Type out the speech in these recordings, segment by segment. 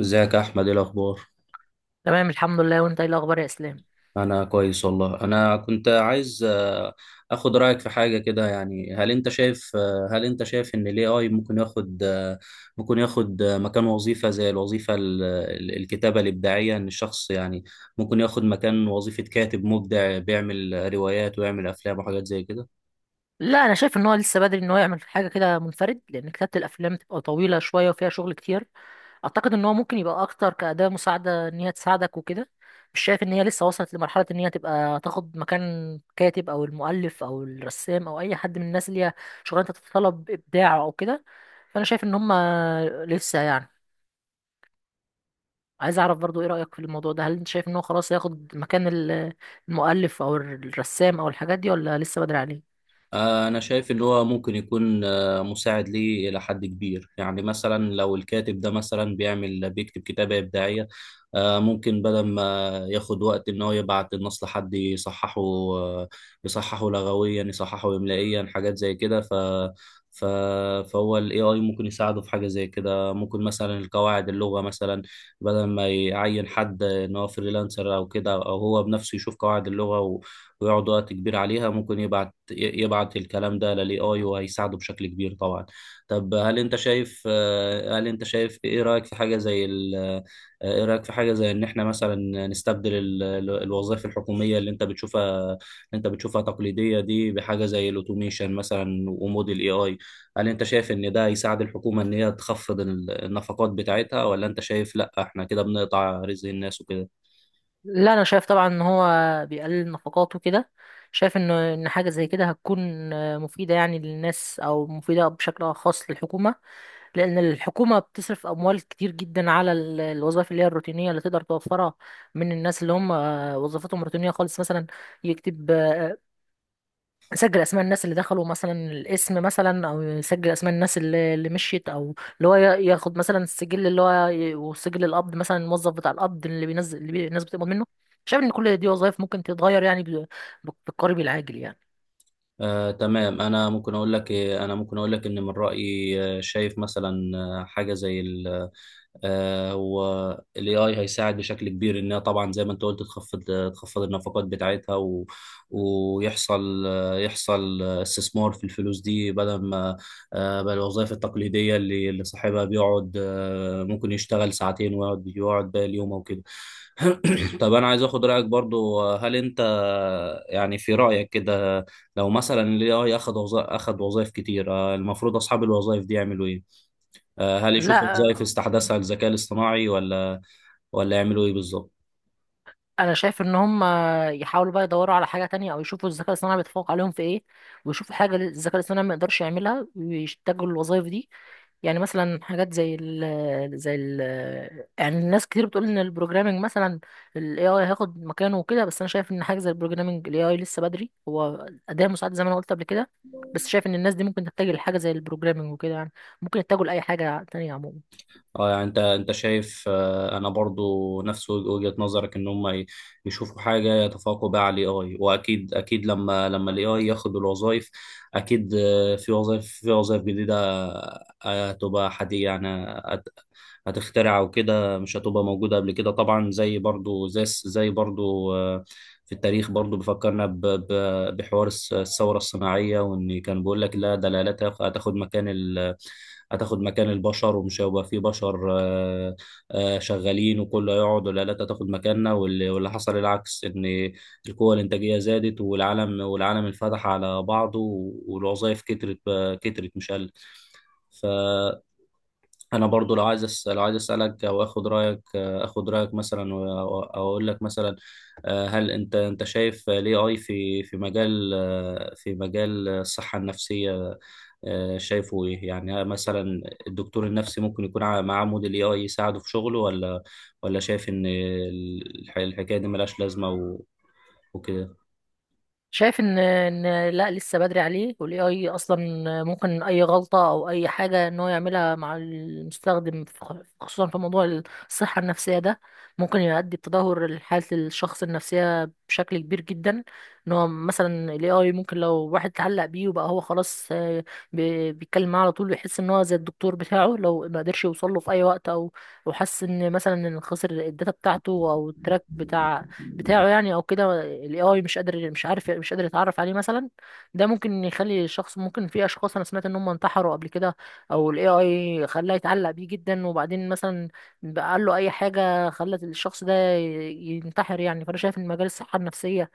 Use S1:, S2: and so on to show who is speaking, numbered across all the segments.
S1: ازيك يا احمد، ايه الاخبار؟
S2: تمام، الحمد لله. وانت ايه الاخبار يا اسلام؟
S1: انا كويس والله. انا كنت عايز اخد رايك في حاجه كده. يعني هل انت شايف ان الاي اي ممكن ياخد مكان وظيفه، زي الوظيفه الكتابه الابداعيه. ان الشخص يعني ممكن ياخد مكان وظيفه كاتب مبدع، بيعمل روايات ويعمل افلام وحاجات زي كده.
S2: لا، انا شايف ان هو لسه بدري ان هو يعمل حاجه كده منفرد، لان كتابه الافلام تبقى طويله شويه وفيها شغل كتير. اعتقد ان هو ممكن يبقى اكتر كاداه مساعده ان هي تساعدك وكده. مش شايف ان هي لسه وصلت لمرحله ان هي تبقى تاخد مكان كاتب او المؤلف او الرسام او اي حد من الناس اللي هي شغلانه تتطلب ابداع او كده. فانا شايف ان هم لسه، يعني، عايز اعرف برضو ايه رايك في الموضوع ده. هل انت شايف ان هو خلاص هياخد مكان المؤلف او الرسام او الحاجات دي، ولا لسه بدري عليه؟
S1: أنا شايف إن هو ممكن يكون مساعد ليه إلى حد كبير. يعني مثلا لو الكاتب ده مثلا بيكتب كتابة إبداعية، ممكن بدل ما ياخد وقت إن هو يبعت النص لحد يصححه، يصححه لغويا، يصححه إملائيا، حاجات زي كده. ف ف فهو ال AI ممكن يساعده في حاجة زي كده. ممكن مثلا القواعد اللغة مثلا، بدل ما يعين حد إن هو فريلانسر أو كده، أو هو بنفسه يشوف قواعد اللغة ويقعد وقت كبير عليها، ممكن يبعت الكلام ده للاي اي، وهيساعده بشكل كبير طبعا. طب هل انت شايف، ايه رايك في حاجه زي ايه رايك في حاجه زي ان احنا مثلا نستبدل الوظائف الحكوميه اللي انت بتشوفها، تقليديه دي، بحاجه زي الاوتوميشن مثلا وموديل اي اي. هل انت شايف ان ده هيساعد الحكومه ان هي تخفض النفقات بتاعتها، ولا انت شايف لا احنا كده بنقطع رزق الناس وكده؟
S2: لا، انا شايف طبعا ان هو بيقلل نفقاته كده. شايف ان حاجه زي كده هتكون مفيده يعني للناس، او مفيده بشكل خاص للحكومه. لان الحكومه بتصرف اموال كتير جدا على الوظائف اللي هي الروتينيه اللي تقدر توفرها من الناس اللي هم وظيفتهم روتينيه خالص، مثلا يكتب، يسجل اسماء الناس اللي دخلوا مثلا، الاسم مثلا، او يسجل اسماء الناس اللي مشيت، او اللي هو ياخد مثلا السجل اللي هو وسجل القبض مثلا، الموظف بتاع القبض اللي بينزل اللي الناس بتقبض منه. شايف ان كل دي وظائف ممكن تتغير، يعني بالقريب العاجل يعني.
S1: تمام. انا ممكن اقول لك إيه، انا ممكن اقول لك ان من رايي شايف مثلا حاجه زي ال والاي اي هيساعد بشكل كبير. انها طبعا زي ما انت قلت تخفض النفقات بتاعتها و... ويحصل آه، يحصل آه، استثمار في الفلوس دي، بدل ما بقى الوظائف التقليديه اللي صاحبها بيقعد ممكن يشتغل ساعتين ويقعد باقي اليوم او كده. طب انا عايز اخد رايك برضو. هل انت يعني في رايك كده، لو مثلا الاي اي اخذ وظائف، كتير، المفروض اصحاب الوظائف دي يعملوا ايه؟ هل يشوفوا وظائف
S2: لا،
S1: يستحدثها الذكاء الاصطناعي، ولا يعملوا ايه بالظبط؟
S2: انا شايف ان هم يحاولوا بقى يدوروا على حاجه تانية، او يشوفوا الذكاء الاصطناعي بيتفوق عليهم في ايه، ويشوفوا حاجه الذكاء الاصطناعي ما يقدرش يعملها ويشتغلوا الوظائف دي. يعني مثلا حاجات زي ال زي ال يعني الناس كتير بتقول ان البروجرامنج مثلا الاي اي هياخد مكانه وكده. بس انا شايف ان حاجه زي البروجرامنج، الاي اي لسه بدري، هو اداه مساعد زي ما انا قلت قبل كده. بس شايف ان الناس دي ممكن تتجه لحاجه زي البروجرامنج وكده، يعني ممكن يتجهوا لاي حاجه تانية عموما.
S1: اه. يعني انت شايف، انا برضو نفس وجهة نظرك ان هم يشوفوا حاجة يتفوقوا بيها على الاي اي. واكيد اكيد لما الاي اي ياخد الوظائف، اكيد في وظائف، جديدة، هتبقى حديثة يعني. هت- هتخترع وكده، مش هتبقى موجودة قبل كده طبعا. زي برضو زي الس- زي برضو آه، في التاريخ، برضو بيفكرنا بحوار الثورة الصناعية. وان كان بيقول لك لا، ده الآلات هتاخد مكان، البشر، ومش هيبقى فيه بشر شغالين، وكله هيقعد، والآلات هتاخد مكاننا. واللي حصل العكس، إن القوة الإنتاجية زادت، والعالم انفتح على بعضه، والوظائف كترت كترت مش قلت. ف... انا برضو لو عايز لو عايز اسالك او اخد رايك، مثلا و- او أو اقول لك مثلا، هل انت شايف الاي اي في مجال في مجال الصحه النفسيه، شايفه ايه يعني؟ مثلا الدكتور النفسي ممكن يكون معاه موديل اي اي يساعده في شغله، ولا شايف ان الحكايه دي ملهاش لازمه و... وكده؟
S2: شايف ان لا، لسه بدري عليه. والاي اي اصلا ممكن اي غلطه او اي حاجه ان هو يعملها مع المستخدم في خصوصا في موضوع الصحه النفسيه ده، ممكن يؤدي بتدهور لحاله الشخص النفسيه بشكل كبير جدا. ان هو مثلا الاي اي، ممكن لو واحد اتعلق بيه وبقى هو خلاص، بيتكلم معاه على طول ويحس ان هو زي الدكتور بتاعه، لو ما قدرش يوصل له في اي وقت، او او حس ان مثلا ان خسر الداتا بتاعته او التراك بتاعه يعني، او كده الاي اي مش قادر مش عارف مش قادر يتعرف عليه مثلا. ده ممكن يخلي الشخص، ممكن، في اشخاص انا سمعت ان هم انتحروا قبل كده، او الاي اي خلاه يتعلق بيه جدا وبعدين مثلا بقى قال له اي حاجه خلت الشخص ده ينتحر يعني. فانا شايف ان مجال الصحه النفسيه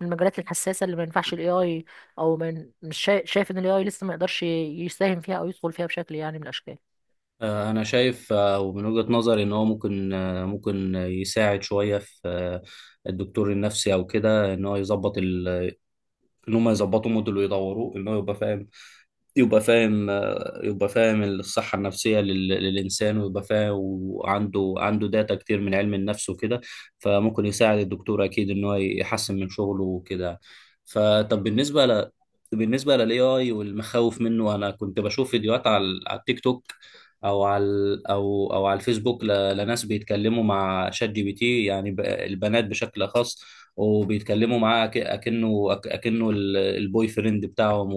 S2: من المجالات الحساسه اللي ما ينفعش الاي اي، او من مش شايف, شايف ان الاي اي لسه ما يقدرش يساهم فيها، او يدخل فيها بشكل يعني من الاشكال.
S1: أنا شايف ومن وجهة نظري إن هو ممكن ممكن يساعد شوية في الدكتور النفسي أو كده. إن هو يظبط ال... إن هم يظبطوا موديل ويدوروه إن هو يبقى فاهم، يبقى فاهم يبقى فاهم الصحة النفسية للإنسان، ويبقى فاهم، وعنده داتا كتير من علم النفس وكده. فممكن يساعد الدكتور أكيد إن هو يحسن من شغله وكده. فطب بالنسبة بالنسبة للاي اي والمخاوف منه، انا كنت بشوف فيديوهات على التيك توك، او على الفيسبوك، لناس بيتكلموا مع شات جي بي تي، يعني البنات بشكل خاص، وبيتكلموا معاه اكنه البوي فريند بتاعهم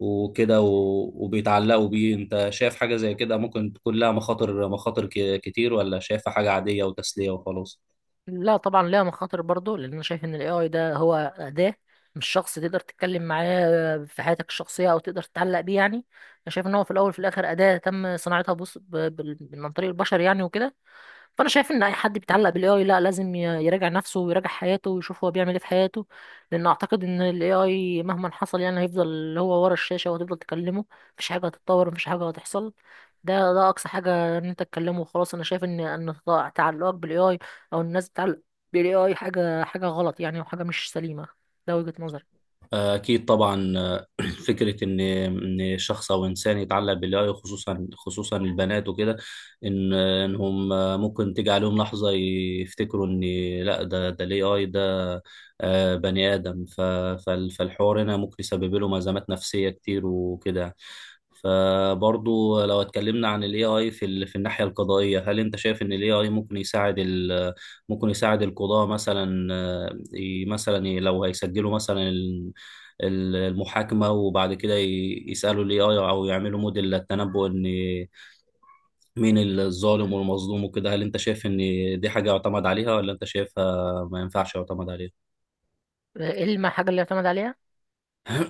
S1: وكده، وبيتعلقوا بيه. انت شايف حاجة زي كده ممكن تكون لها مخاطر، كتير، ولا شايفها حاجة عادية وتسلية وخلاص؟
S2: لا، طبعا ليها مخاطر برضه، لان انا شايف ان الاي اي ده هو اداه، مش شخص تقدر تتكلم معاه في حياتك الشخصيه او تقدر تتعلق بيه، يعني، انا شايف ان هو في الاول وفي الاخر اداه تم صناعتها، بص، من عن طريق البشر، يعني وكده. فانا شايف ان اي حد بيتعلق بالاي اي، لا، لازم يراجع نفسه ويراجع حياته ويشوف هو بيعمل ايه في حياته. لان اعتقد ان الاي اي مهما حصل يعني هيفضل هو ورا الشاشه وهتفضل تكلمه. مفيش حاجه هتتطور، مفيش حاجه هتحصل. ده اقصى حاجه ان انت تكلمه وخلاص. انا شايف ان تعلقك بالاي اي، او الناس بتتعلق بالاي اي، حاجه غلط يعني، وحاجه مش سليمه. ده وجهه نظري.
S1: أكيد طبعا. فكرة إن شخص أو إنسان يتعلق بالآي، خصوصا خصوصا البنات وكده، إنهم ممكن تيجي عليهم لحظة يفتكروا إن لا، ده ال AI ده بني آدم. فالحوار هنا ممكن يسبب لهم أزمات نفسية كتير وكده يعني. فبرضو لو اتكلمنا عن ال AI في في الناحية القضائية، هل أنت شايف إن ال AI ممكن يساعد ال ممكن يساعد القضاة مثلا؟ مثلا لو هيسجلوا مثلا المحاكمة، وبعد كده يسألوا الاي اي او يعملوا موديل للتنبؤ ان مين الظالم والمظلوم وكده. هل انت شايف ان دي حاجة يعتمد عليها، ولا انت شايفها ما ينفعش يعتمد عليها؟
S2: ايه الحاجه اللي يعتمد عليها؟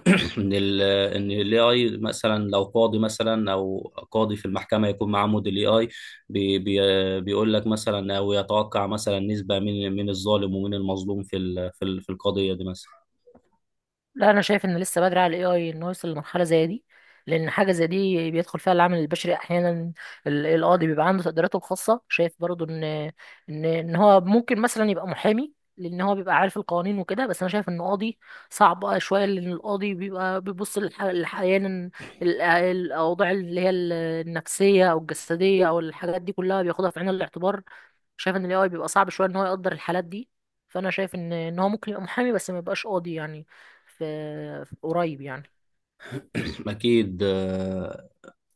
S1: ان ان الاي اي مثلا، لو قاضي مثلا، او قاضي في المحكمة يكون معاه موديل اي اي، بي بي بيقول لك مثلا، او يتوقع مثلا نسبة مين الظالم ومين المظلوم في في القضية دي مثلا.
S2: لا، انا شايف ان لسه بدري على الاي اي انه يوصل لمرحله زي دي. لان حاجه زي دي بيدخل فيها العامل البشري احيانا. القاضي بيبقى عنده تقديراته الخاصه. شايف برضو ان هو ممكن مثلا يبقى محامي، لان هو بيبقى عارف القوانين وكده. بس انا شايف ان قاضي صعب شويه، لان القاضي بيبقى بيبص احيانا الاوضاع اللي هي النفسيه او الجسديه او الحاجات دي كلها بياخدها في عين الاعتبار. شايف ان الاي بيبقى صعب شويه ان هو يقدر الحالات دي. فانا شايف ان هو ممكن يبقى محامي، بس ما يبقاش قاضي، يعني في, في قريب يعني.
S1: اكيد.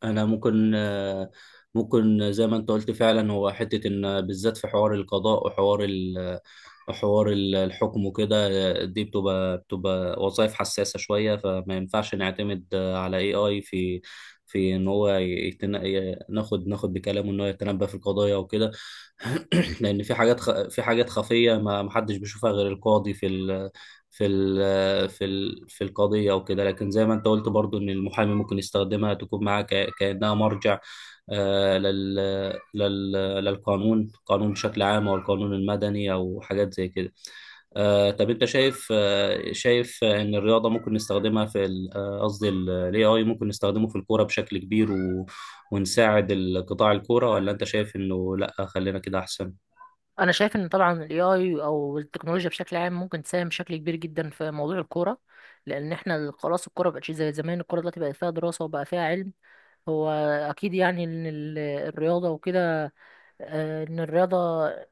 S1: انا ممكن ممكن زي ما انت قلت فعلا. هو حته ان بالذات في حوار القضاء وحوار حوار الحكم وكده، دي بتبقى وظائف حساسه شويه، فما ينفعش نعتمد على اي اي في ان هو ناخد بكلامه، ان هو يتنبأ في القضايا وكده. لان في حاجات خفيه، ما حدش بيشوفها غير القاضي في ال... في القضيه وكده. لكن زي ما انت قلت برضو ان المحامي ممكن يستخدمها، تكون معاه كانها مرجع آه لل... لل... للقانون، قانون بشكل عام، او القانون المدني، او حاجات زي كده. طب انت شايف ان الرياضه ممكن نستخدمها في قصدي الاي اي ممكن نستخدمه في الكوره بشكل كبير و... ونساعد القطاع الكورة، ولا انت شايف انه لا خلينا كده احسن؟
S2: انا شايف ان طبعا الاي اي او التكنولوجيا بشكل عام ممكن تساهم بشكل كبير جدا في موضوع الكوره. لان احنا خلاص الكوره مبقتش زي زمان، الكوره دلوقتي بقت فيها دراسه وبقى فيها علم. هو اكيد يعني ان الرياضه وكده، ان الرياضه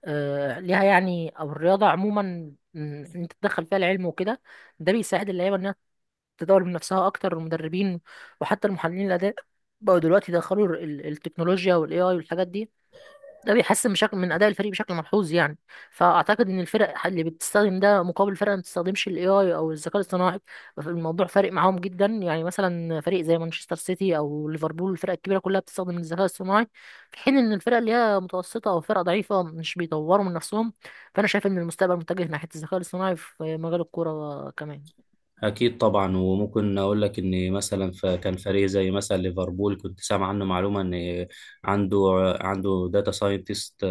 S2: ليها، يعني، او الرياضه عموما، إن انت تدخل فيها العلم وكده، ده بيساعد اللعيبه ان تطور من نفسها اكتر. المدربين وحتى المحللين الاداء بقوا دلوقتي يدخلوا التكنولوجيا والاي اي والحاجات دي. ده بيحسن بشكل من اداء الفريق بشكل ملحوظ يعني. فاعتقد ان الفرق اللي بتستخدم ده مقابل فرق ما بتستخدمش الاي اي او الذكاء الاصطناعي، الموضوع فارق معاهم جدا، يعني مثلا فريق زي مانشستر سيتي او ليفربول، الفرق الكبيره كلها بتستخدم الذكاء الاصطناعي. في حين ان الفرق اللي هي متوسطه او فرق ضعيفه مش بيطوروا من نفسهم. فانا شايف ان المستقبل متجه ناحيه الذكاء الاصطناعي في مجال الكوره كمان.
S1: أكيد طبعا. وممكن أقول لك إن مثلا كان فريق زي مثلا ليفربول كنت سامع عنه معلومة إن عنده، داتا ساينتست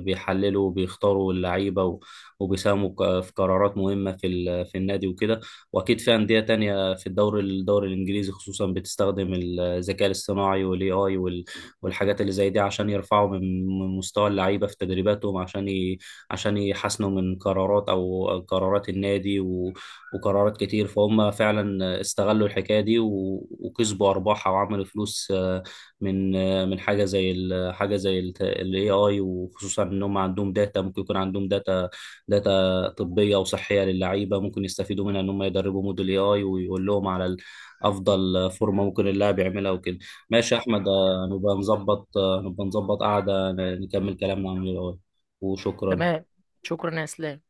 S1: بيحللوا وبيختاروا اللعيبة، وبيساهموا في قرارات مهمة في في النادي وكده. وأكيد في أندية تانية في الدوري، الإنجليزي خصوصا، بتستخدم الذكاء الاصطناعي والاي آي والحاجات اللي زي دي، عشان يرفعوا من مستوى اللعيبة في تدريباتهم، عشان عشان يحسنوا من قرارات، أو قرارات النادي وقرارات كتير. فهم فعلا استغلوا الحكاية دي وكسبوا أرباحها وعملوا فلوس، من حاجة زي حاجة زي ال AI. وخصوصا إن هم عندهم داتا، ممكن يكون عندهم داتا، طبية وصحية للعيبة، ممكن يستفيدوا منها إن هم يدربوا موديل AI ويقول لهم على أفضل فورمة ممكن اللاعب يعملها وكده. ماشي يا أحمد. نبقى نظبط، قعدة نكمل كلامنا عن ال AI وشكرا.
S2: تمام. شكرا يا اسلام.